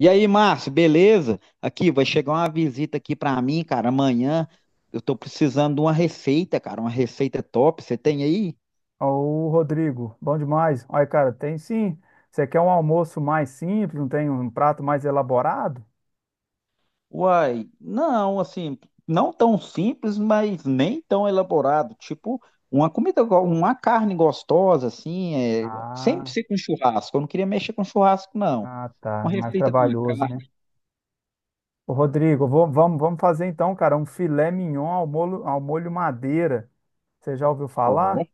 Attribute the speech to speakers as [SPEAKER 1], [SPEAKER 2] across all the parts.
[SPEAKER 1] E aí, Márcio, beleza? Aqui, vai chegar uma visita aqui pra mim, cara, amanhã. Eu tô precisando de uma receita, cara, uma receita top. Você tem aí?
[SPEAKER 2] Ô, Rodrigo, bom demais. Olha, cara, tem sim. Você quer um almoço mais simples, não tem um prato mais elaborado?
[SPEAKER 1] Uai, não, assim, não tão simples, mas nem tão elaborado. Tipo, uma comida, uma carne gostosa, assim, sempre
[SPEAKER 2] Ah,
[SPEAKER 1] ser com churrasco. Eu não queria mexer com churrasco, não.
[SPEAKER 2] ah, tá,
[SPEAKER 1] Uma
[SPEAKER 2] é mais
[SPEAKER 1] receita de uma
[SPEAKER 2] trabalhoso,
[SPEAKER 1] carne.
[SPEAKER 2] né? Ô, Rodrigo, vamos fazer então, cara, um filé mignon ao molho madeira. Você já ouviu
[SPEAKER 1] Ó.
[SPEAKER 2] falar?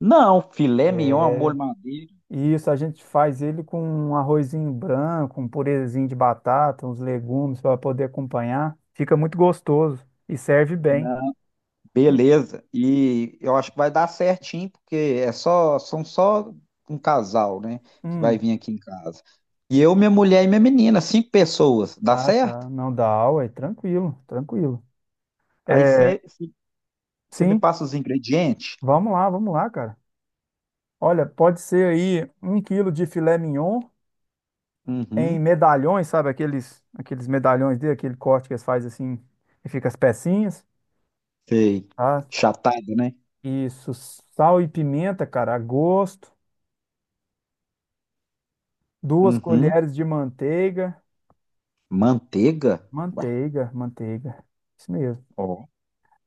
[SPEAKER 1] Não, filé mignon, ao molho madeira.
[SPEAKER 2] Isso, a gente faz ele com um arrozinho branco, um purezinho de batata, uns legumes para poder acompanhar. Fica muito gostoso e serve bem.
[SPEAKER 1] Beleza. E eu acho que vai dar certinho, porque é só, são só um casal, né? Que
[SPEAKER 2] Hum,
[SPEAKER 1] vai vir aqui em casa. E eu, minha mulher e minha menina, cinco pessoas. Dá
[SPEAKER 2] ah,
[SPEAKER 1] certo?
[SPEAKER 2] tá, não dá aula, é tranquilo, tranquilo.
[SPEAKER 1] Aí
[SPEAKER 2] É,
[SPEAKER 1] você me
[SPEAKER 2] sim,
[SPEAKER 1] passa os ingredientes.
[SPEAKER 2] vamos lá, cara. Olha, pode ser aí um quilo de filé mignon em
[SPEAKER 1] Uhum.
[SPEAKER 2] medalhões, sabe? Aqueles medalhões dele, aquele corte que eles fazem assim e fica as pecinhas,
[SPEAKER 1] Sei.
[SPEAKER 2] tá?
[SPEAKER 1] Chatada, né?
[SPEAKER 2] Isso, sal e pimenta, cara, a gosto. Duas
[SPEAKER 1] Uhum.
[SPEAKER 2] colheres de manteiga.
[SPEAKER 1] Manteiga. Ué.
[SPEAKER 2] Manteiga, manteiga. Isso mesmo.
[SPEAKER 1] Ó.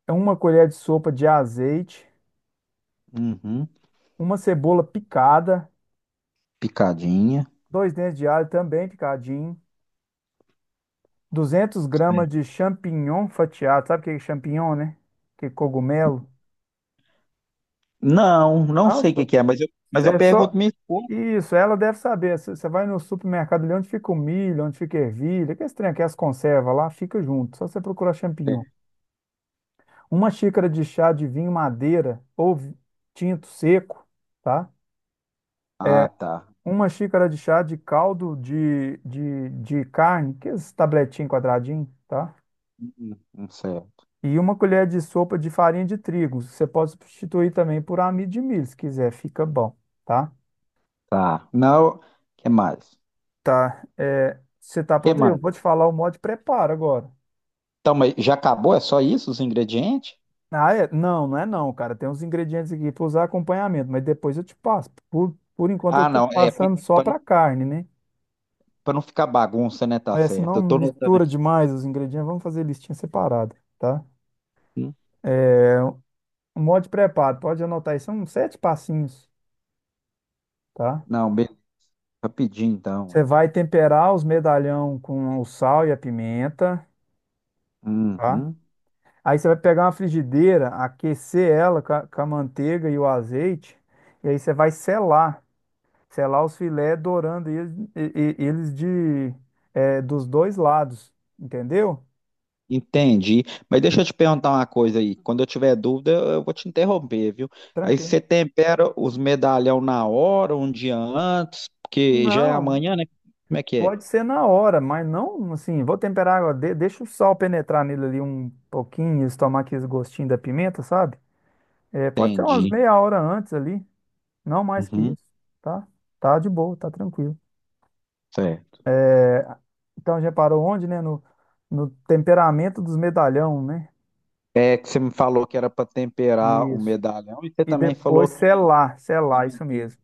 [SPEAKER 2] É uma colher de sopa de azeite,
[SPEAKER 1] Uhum.
[SPEAKER 2] uma cebola picada,
[SPEAKER 1] Picadinha.
[SPEAKER 2] dois dentes de alho também picadinho. 200 gramas
[SPEAKER 1] Sei.
[SPEAKER 2] de champignon fatiado. Sabe o que é champignon, né? Que é cogumelo.
[SPEAKER 1] Não, não sei o que
[SPEAKER 2] Nossa,
[SPEAKER 1] que é, mas eu
[SPEAKER 2] é só
[SPEAKER 1] pergunto minha esposa.
[SPEAKER 2] isso. Ela deve saber. Você vai no supermercado ali onde fica o milho, onde fica a ervilha, que é estranho, que as conservas lá, fica junto. Só você procurar champignon.
[SPEAKER 1] É.
[SPEAKER 2] Uma xícara de chá de vinho madeira ou tinto seco, tá?
[SPEAKER 1] Ah, tá.
[SPEAKER 2] Uma xícara de chá de caldo de carne, que é esse tabletinho quadradinho, tá?
[SPEAKER 1] Uhum. Não sei.
[SPEAKER 2] E uma colher de sopa de farinha de trigo. Você pode substituir também por amido de milho, se quiser, fica bom, tá?
[SPEAKER 1] Tá. Não. O que mais?
[SPEAKER 2] Tá. É, você tá
[SPEAKER 1] Que
[SPEAKER 2] pronto aí? Eu
[SPEAKER 1] mais?
[SPEAKER 2] vou te falar o modo de preparo agora.
[SPEAKER 1] Então, mas já acabou? É só isso os ingredientes?
[SPEAKER 2] Ah, é? Não, não é não, cara. Tem uns ingredientes aqui para usar acompanhamento, mas depois eu te passo. Por enquanto eu
[SPEAKER 1] Ah,
[SPEAKER 2] tô te
[SPEAKER 1] não. É para
[SPEAKER 2] passando só para carne, né?
[SPEAKER 1] não ficar bagunça, né? Tá
[SPEAKER 2] Mas se
[SPEAKER 1] certo.
[SPEAKER 2] não
[SPEAKER 1] Eu tô anotando
[SPEAKER 2] mistura
[SPEAKER 1] aqui.
[SPEAKER 2] demais os ingredientes, vamos fazer listinha separada, tá?
[SPEAKER 1] Hum.
[SPEAKER 2] O modo de preparo, pode anotar aí, são sete passinhos, tá?
[SPEAKER 1] Não, rapidinho
[SPEAKER 2] Você
[SPEAKER 1] então.
[SPEAKER 2] vai temperar os medalhão com o sal e a pimenta. Tá?
[SPEAKER 1] Uhum.
[SPEAKER 2] Aí você vai pegar uma frigideira, aquecer ela com a manteiga e o azeite, e aí você vai selar, selar os filés, dourando eles, dos dois lados, entendeu?
[SPEAKER 1] Entendi. Mas deixa eu te perguntar uma coisa aí. Quando eu tiver dúvida, eu vou te interromper, viu? Aí
[SPEAKER 2] Tranquilo.
[SPEAKER 1] você tempera os medalhão na hora, um dia antes, porque já é
[SPEAKER 2] Não,
[SPEAKER 1] amanhã, né? Como é que é?
[SPEAKER 2] pode ser na hora, mas não assim, vou temperar agora, de- deixa o sal penetrar nele ali um pouquinho, eles tomar aquele gostinho da pimenta, sabe? É, pode ser umas
[SPEAKER 1] Entendi.
[SPEAKER 2] meia hora antes ali, não mais que
[SPEAKER 1] Uhum.
[SPEAKER 2] isso, tá? Tá de boa, tá tranquilo.
[SPEAKER 1] Certo.
[SPEAKER 2] Então, já parou onde, né? No, no temperamento dos medalhão, né?
[SPEAKER 1] É que você me falou que era para temperar o
[SPEAKER 2] Isso.
[SPEAKER 1] medalhão e você
[SPEAKER 2] E
[SPEAKER 1] também falou
[SPEAKER 2] depois
[SPEAKER 1] que
[SPEAKER 2] selar, selar, isso mesmo.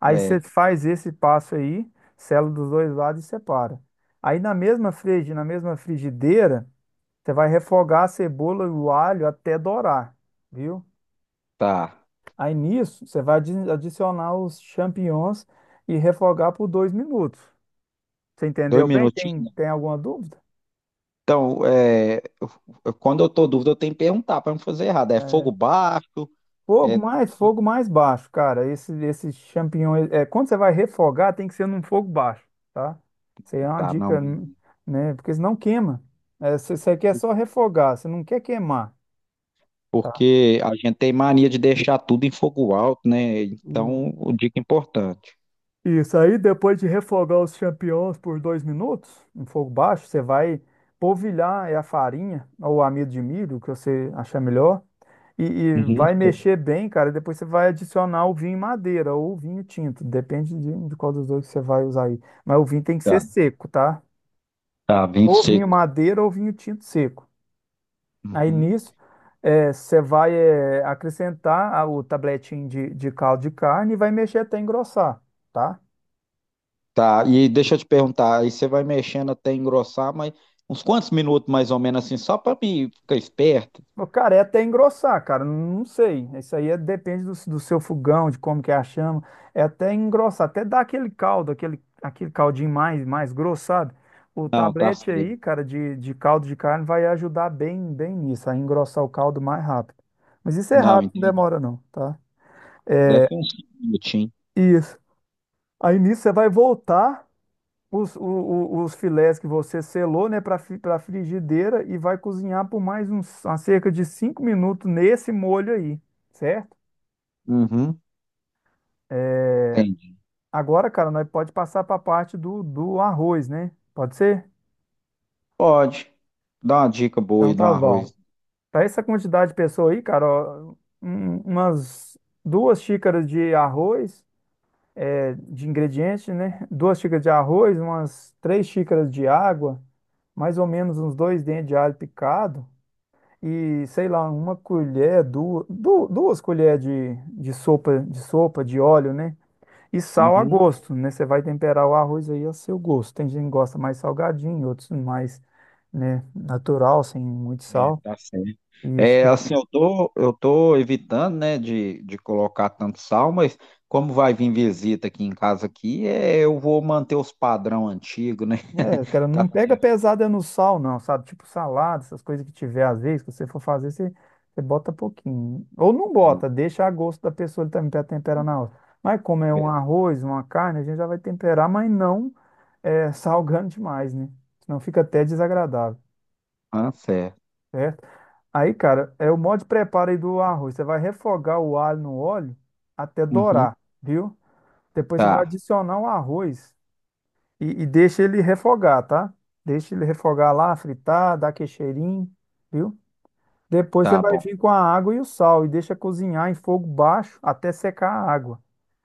[SPEAKER 2] Aí você
[SPEAKER 1] É,
[SPEAKER 2] faz esse passo aí, sela dos dois lados e separa. Aí na mesma frigideira, você vai refogar a cebola e o alho até dourar, viu?
[SPEAKER 1] tá.
[SPEAKER 2] Aí nisso, você vai adicionar os champignons e refogar por 2 minutos. Você
[SPEAKER 1] Dois
[SPEAKER 2] entendeu bem? Tem,
[SPEAKER 1] minutinhos?
[SPEAKER 2] tem alguma dúvida?
[SPEAKER 1] Então, quando eu tô dúvida, eu tenho que perguntar para não fazer errado. É fogo baixo?
[SPEAKER 2] Fogo
[SPEAKER 1] É...
[SPEAKER 2] mais,
[SPEAKER 1] fogo-
[SPEAKER 2] fogo mais baixo, cara. Esse champignon, quando você vai refogar, tem que ser num fogo baixo, tá? Isso aí é uma
[SPEAKER 1] Tá, não.
[SPEAKER 2] dica, né? Porque senão queima. É, você quer só refogar, você não quer queimar, tá?
[SPEAKER 1] Porque a gente tem mania de deixar tudo em fogo alto, né? Então, o dica importante.
[SPEAKER 2] Isso aí, depois de refogar os champignons por 2 minutos, em fogo baixo, você vai polvilhar a farinha ou amido de milho, o que você achar melhor, e
[SPEAKER 1] Uhum.
[SPEAKER 2] vai mexer bem, cara. E depois você vai adicionar o vinho em madeira ou o vinho tinto, depende de qual dos dois que você vai usar aí. Mas o vinho tem que
[SPEAKER 1] Tá,
[SPEAKER 2] ser seco, tá?
[SPEAKER 1] tá, bem
[SPEAKER 2] Ou vinho
[SPEAKER 1] seco.
[SPEAKER 2] madeira ou vinho tinto seco. Aí
[SPEAKER 1] Uhum.
[SPEAKER 2] nisso, você vai acrescentar o tabletinho de caldo de carne e vai mexer até engrossar, tá?
[SPEAKER 1] Tá, e deixa eu te perguntar, aí você vai mexendo até engrossar, mas uns quantos minutos mais ou menos assim, só para mim ficar esperto?
[SPEAKER 2] Ô, cara, é até engrossar, cara. Não sei. Isso aí depende do seu fogão, de como que é a chama. É até engrossar, até dar aquele caldo, aquele caldinho mais grosso, sabe? O
[SPEAKER 1] Não, tá
[SPEAKER 2] tablete
[SPEAKER 1] certo.
[SPEAKER 2] aí, cara, de caldo de carne vai ajudar bem nisso, a engrossar o caldo mais rápido. Mas isso é
[SPEAKER 1] Não,
[SPEAKER 2] rápido, não
[SPEAKER 1] entendi.
[SPEAKER 2] demora não, tá?
[SPEAKER 1] Deve ser uns 5 minutinhos.
[SPEAKER 2] Isso. Aí nisso você vai voltar os filés que você selou, né, para frigideira e vai cozinhar por mais uns, a cerca de 5 minutos nesse molho aí, certo?
[SPEAKER 1] Uhum. Entendi.
[SPEAKER 2] Agora, cara, nós pode passar para a parte do arroz, né? Pode ser?
[SPEAKER 1] Pode. Dá uma dica boa
[SPEAKER 2] Então
[SPEAKER 1] aí do
[SPEAKER 2] tá bom.
[SPEAKER 1] arroz.
[SPEAKER 2] Para essa quantidade de pessoa aí, cara, ó, umas 2 xícaras de arroz, é, de ingrediente, né? 2 xícaras de arroz, umas 3 xícaras de água, mais ou menos uns dois dentes de alho picado e, sei lá, uma colher, duas colheres de sopa de óleo, né? E sal a
[SPEAKER 1] Uhum.
[SPEAKER 2] gosto, né? Você vai temperar o arroz aí a seu gosto. Tem gente que gosta mais salgadinho, outros mais, né, natural, sem muito
[SPEAKER 1] É,
[SPEAKER 2] sal.
[SPEAKER 1] tá certo.
[SPEAKER 2] Isso.
[SPEAKER 1] É, assim, eu tô evitando, né, de colocar tanto sal, mas como vai vir visita aqui em casa aqui, é, eu vou manter os padrão antigo, né?
[SPEAKER 2] É, cara,
[SPEAKER 1] Tá
[SPEAKER 2] não pega
[SPEAKER 1] certo.
[SPEAKER 2] pesada no sal, não, sabe? Tipo salada, essas coisas que tiver às vezes, que você for fazer, você bota pouquinho. Ou não bota, deixa a gosto da pessoa ele também para temperar na hora. Mas como é um
[SPEAKER 1] Beleza.
[SPEAKER 2] arroz, uma carne, a gente já vai temperar, mas não salgando demais, né? Senão fica até desagradável.
[SPEAKER 1] Ah, certo.
[SPEAKER 2] Certo? Aí, cara, é o modo de preparo aí do arroz. Você vai refogar o alho no óleo até
[SPEAKER 1] Uhum.
[SPEAKER 2] dourar, viu? Depois você vai
[SPEAKER 1] Tá,
[SPEAKER 2] adicionar o arroz e deixa ele refogar, tá? Deixa ele refogar lá, fritar, dar aquele cheirinho, viu? Depois você
[SPEAKER 1] tá
[SPEAKER 2] vai
[SPEAKER 1] bom.
[SPEAKER 2] vir com a água e o sal e deixa cozinhar em fogo baixo até secar a água.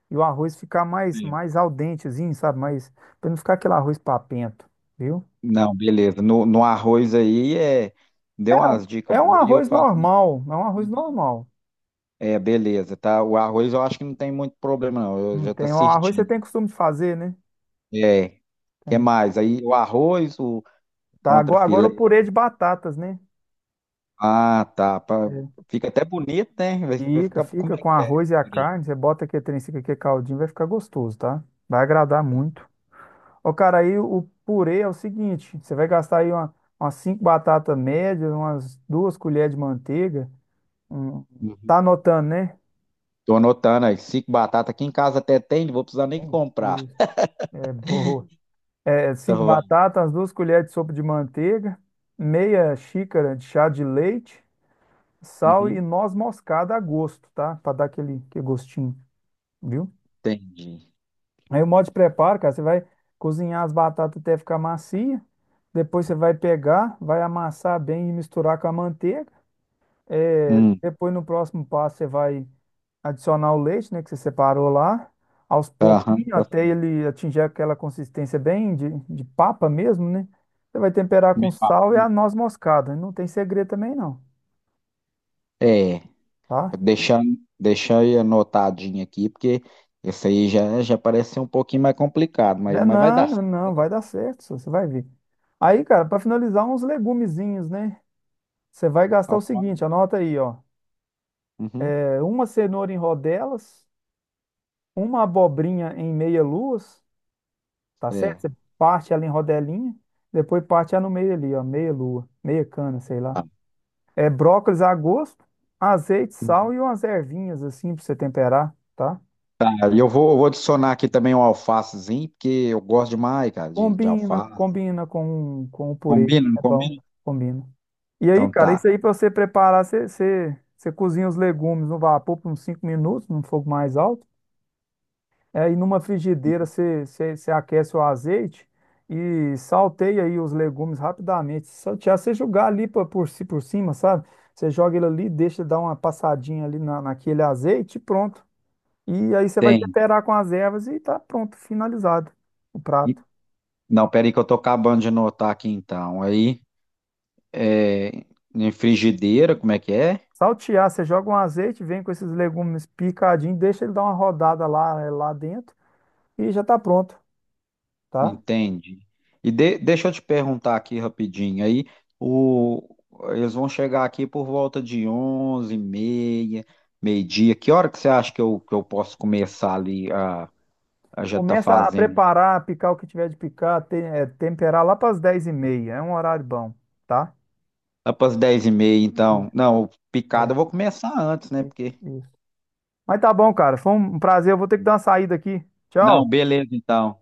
[SPEAKER 2] E o arroz ficar mais,
[SPEAKER 1] É.
[SPEAKER 2] mais al dentezinho, sabe? Mas para não ficar aquele arroz papento, viu?
[SPEAKER 1] Não, beleza. No arroz aí, é, deu umas
[SPEAKER 2] É,
[SPEAKER 1] dicas
[SPEAKER 2] é um
[SPEAKER 1] boas e eu
[SPEAKER 2] arroz
[SPEAKER 1] faço.
[SPEAKER 2] normal, é um arroz
[SPEAKER 1] Uhum.
[SPEAKER 2] normal.
[SPEAKER 1] É, beleza, tá? O arroz eu acho que não tem muito problema, não. Eu
[SPEAKER 2] Não
[SPEAKER 1] já tô
[SPEAKER 2] tem, o arroz você
[SPEAKER 1] assistindo.
[SPEAKER 2] tem costume de fazer, né?
[SPEAKER 1] É. que
[SPEAKER 2] Tem.
[SPEAKER 1] mais? Aí o arroz, o
[SPEAKER 2] Tá,
[SPEAKER 1] contra
[SPEAKER 2] agora, agora
[SPEAKER 1] filé.
[SPEAKER 2] o purê de batatas, né?
[SPEAKER 1] Ah, tá.
[SPEAKER 2] É.
[SPEAKER 1] Fica até bonito, né? Vai
[SPEAKER 2] Fica,
[SPEAKER 1] ficar. Como
[SPEAKER 2] fica
[SPEAKER 1] é
[SPEAKER 2] com
[SPEAKER 1] que é? Isso
[SPEAKER 2] arroz e a
[SPEAKER 1] aí?
[SPEAKER 2] carne. Você bota aqui trem, fica aqui caldinho, vai ficar gostoso, tá? Vai agradar muito. Ó, cara, aí o purê é o seguinte: você vai gastar aí umas cinco batatas médias, umas duas colheres de manteiga. um-
[SPEAKER 1] Uhum.
[SPEAKER 2] tá anotando, né?
[SPEAKER 1] Tô anotando aí. Cinco batatas. Aqui em casa até tem, não vou precisar nem
[SPEAKER 2] É.
[SPEAKER 1] comprar.
[SPEAKER 2] Isso. É boa. É,
[SPEAKER 1] Tá
[SPEAKER 2] cinco
[SPEAKER 1] bom.
[SPEAKER 2] batatas, umas 2 colheres de sopa de manteiga, meia xícara de chá de leite, sal e
[SPEAKER 1] Uhum.
[SPEAKER 2] noz moscada a gosto, tá? Pra dar aquele, aquele gostinho. Viu?
[SPEAKER 1] Entendi.
[SPEAKER 2] Aí o modo de preparo, cara, você vai cozinhar as batatas até ficar macia, depois você vai pegar, vai amassar bem e misturar com a manteiga. É,
[SPEAKER 1] Hum.
[SPEAKER 2] depois no próximo passo você vai adicionar o leite, né, que você separou lá, aos
[SPEAKER 1] Aham,
[SPEAKER 2] pouquinhos
[SPEAKER 1] tá
[SPEAKER 2] até
[SPEAKER 1] certo.
[SPEAKER 2] ele atingir aquela consistência bem de papa mesmo, né? Você vai temperar com
[SPEAKER 1] Meio papo.
[SPEAKER 2] sal e a noz moscada. Não tem segredo também não,
[SPEAKER 1] É,
[SPEAKER 2] tá?
[SPEAKER 1] deixando, deixar aí anotadinho aqui, porque esse aí já parece ser um pouquinho mais complicado,
[SPEAKER 2] Não,
[SPEAKER 1] mas,
[SPEAKER 2] é
[SPEAKER 1] mas vai
[SPEAKER 2] não,
[SPEAKER 1] dar
[SPEAKER 2] não,
[SPEAKER 1] certo. Vai
[SPEAKER 2] não,
[SPEAKER 1] dar.
[SPEAKER 2] vai dar certo, só, você vai ver. Aí, cara, para finalizar uns legumezinhos, né? Você vai gastar o
[SPEAKER 1] Alfa.
[SPEAKER 2] seguinte, anota aí, ó.
[SPEAKER 1] Uhum.
[SPEAKER 2] É, uma cenoura em rodelas, uma abobrinha em meia-luas, tá certo?
[SPEAKER 1] É.
[SPEAKER 2] Você parte ela em rodelinha, depois parte ela no meio ali, ó, meia-lua, meia cana, sei lá.
[SPEAKER 1] Tá.
[SPEAKER 2] É brócolis a gosto, azeite, sal e umas ervinhas assim pra você temperar, tá?
[SPEAKER 1] Aí eu vou adicionar aqui também um alfacezinho, porque eu gosto demais, cara, de
[SPEAKER 2] Combina,
[SPEAKER 1] alface.
[SPEAKER 2] combina com o purê,
[SPEAKER 1] Combina, não
[SPEAKER 2] é bom,
[SPEAKER 1] combina?
[SPEAKER 2] combina. E aí,
[SPEAKER 1] Então
[SPEAKER 2] cara, isso
[SPEAKER 1] tá.
[SPEAKER 2] aí pra você preparar, você cozinha os legumes no vapor por uns 5 minutos, num fogo mais alto. É, e numa frigideira você aquece o azeite e salteia aí os legumes rapidamente. Se saltear, você jogar ali por cima, sabe? Você joga ele ali, deixa dar uma passadinha ali naquele azeite e pronto. E aí você vai
[SPEAKER 1] Tem.
[SPEAKER 2] temperar com as ervas e tá pronto, finalizado o
[SPEAKER 1] E-
[SPEAKER 2] prato.
[SPEAKER 1] Não, peraí que eu tô acabando de anotar aqui então. Aí, é, em frigideira, como é que é?
[SPEAKER 2] Saltear, você joga um azeite, vem com esses legumes picadinhos, deixa ele dar uma rodada lá, é, lá dentro e já tá pronto, tá?
[SPEAKER 1] Entende? Deixa eu te perguntar aqui rapidinho. Aí, o, eles vão chegar aqui por volta de 11h30, meio-dia. Que hora que você acha que eu posso começar ali a, já tá
[SPEAKER 2] Começa a
[SPEAKER 1] fazendo?
[SPEAKER 2] preparar, picar o que tiver de picar, temperar lá para as 10h30. É um horário bom, tá?
[SPEAKER 1] Lá para as 10h30, então.
[SPEAKER 2] Isso,
[SPEAKER 1] Não, o picado
[SPEAKER 2] é,
[SPEAKER 1] eu vou começar antes, né?
[SPEAKER 2] isso,
[SPEAKER 1] Porque.
[SPEAKER 2] isso. Mas tá bom, cara. Foi um prazer. Eu vou ter que dar uma saída aqui.
[SPEAKER 1] Não,
[SPEAKER 2] Tchau.
[SPEAKER 1] beleza, então.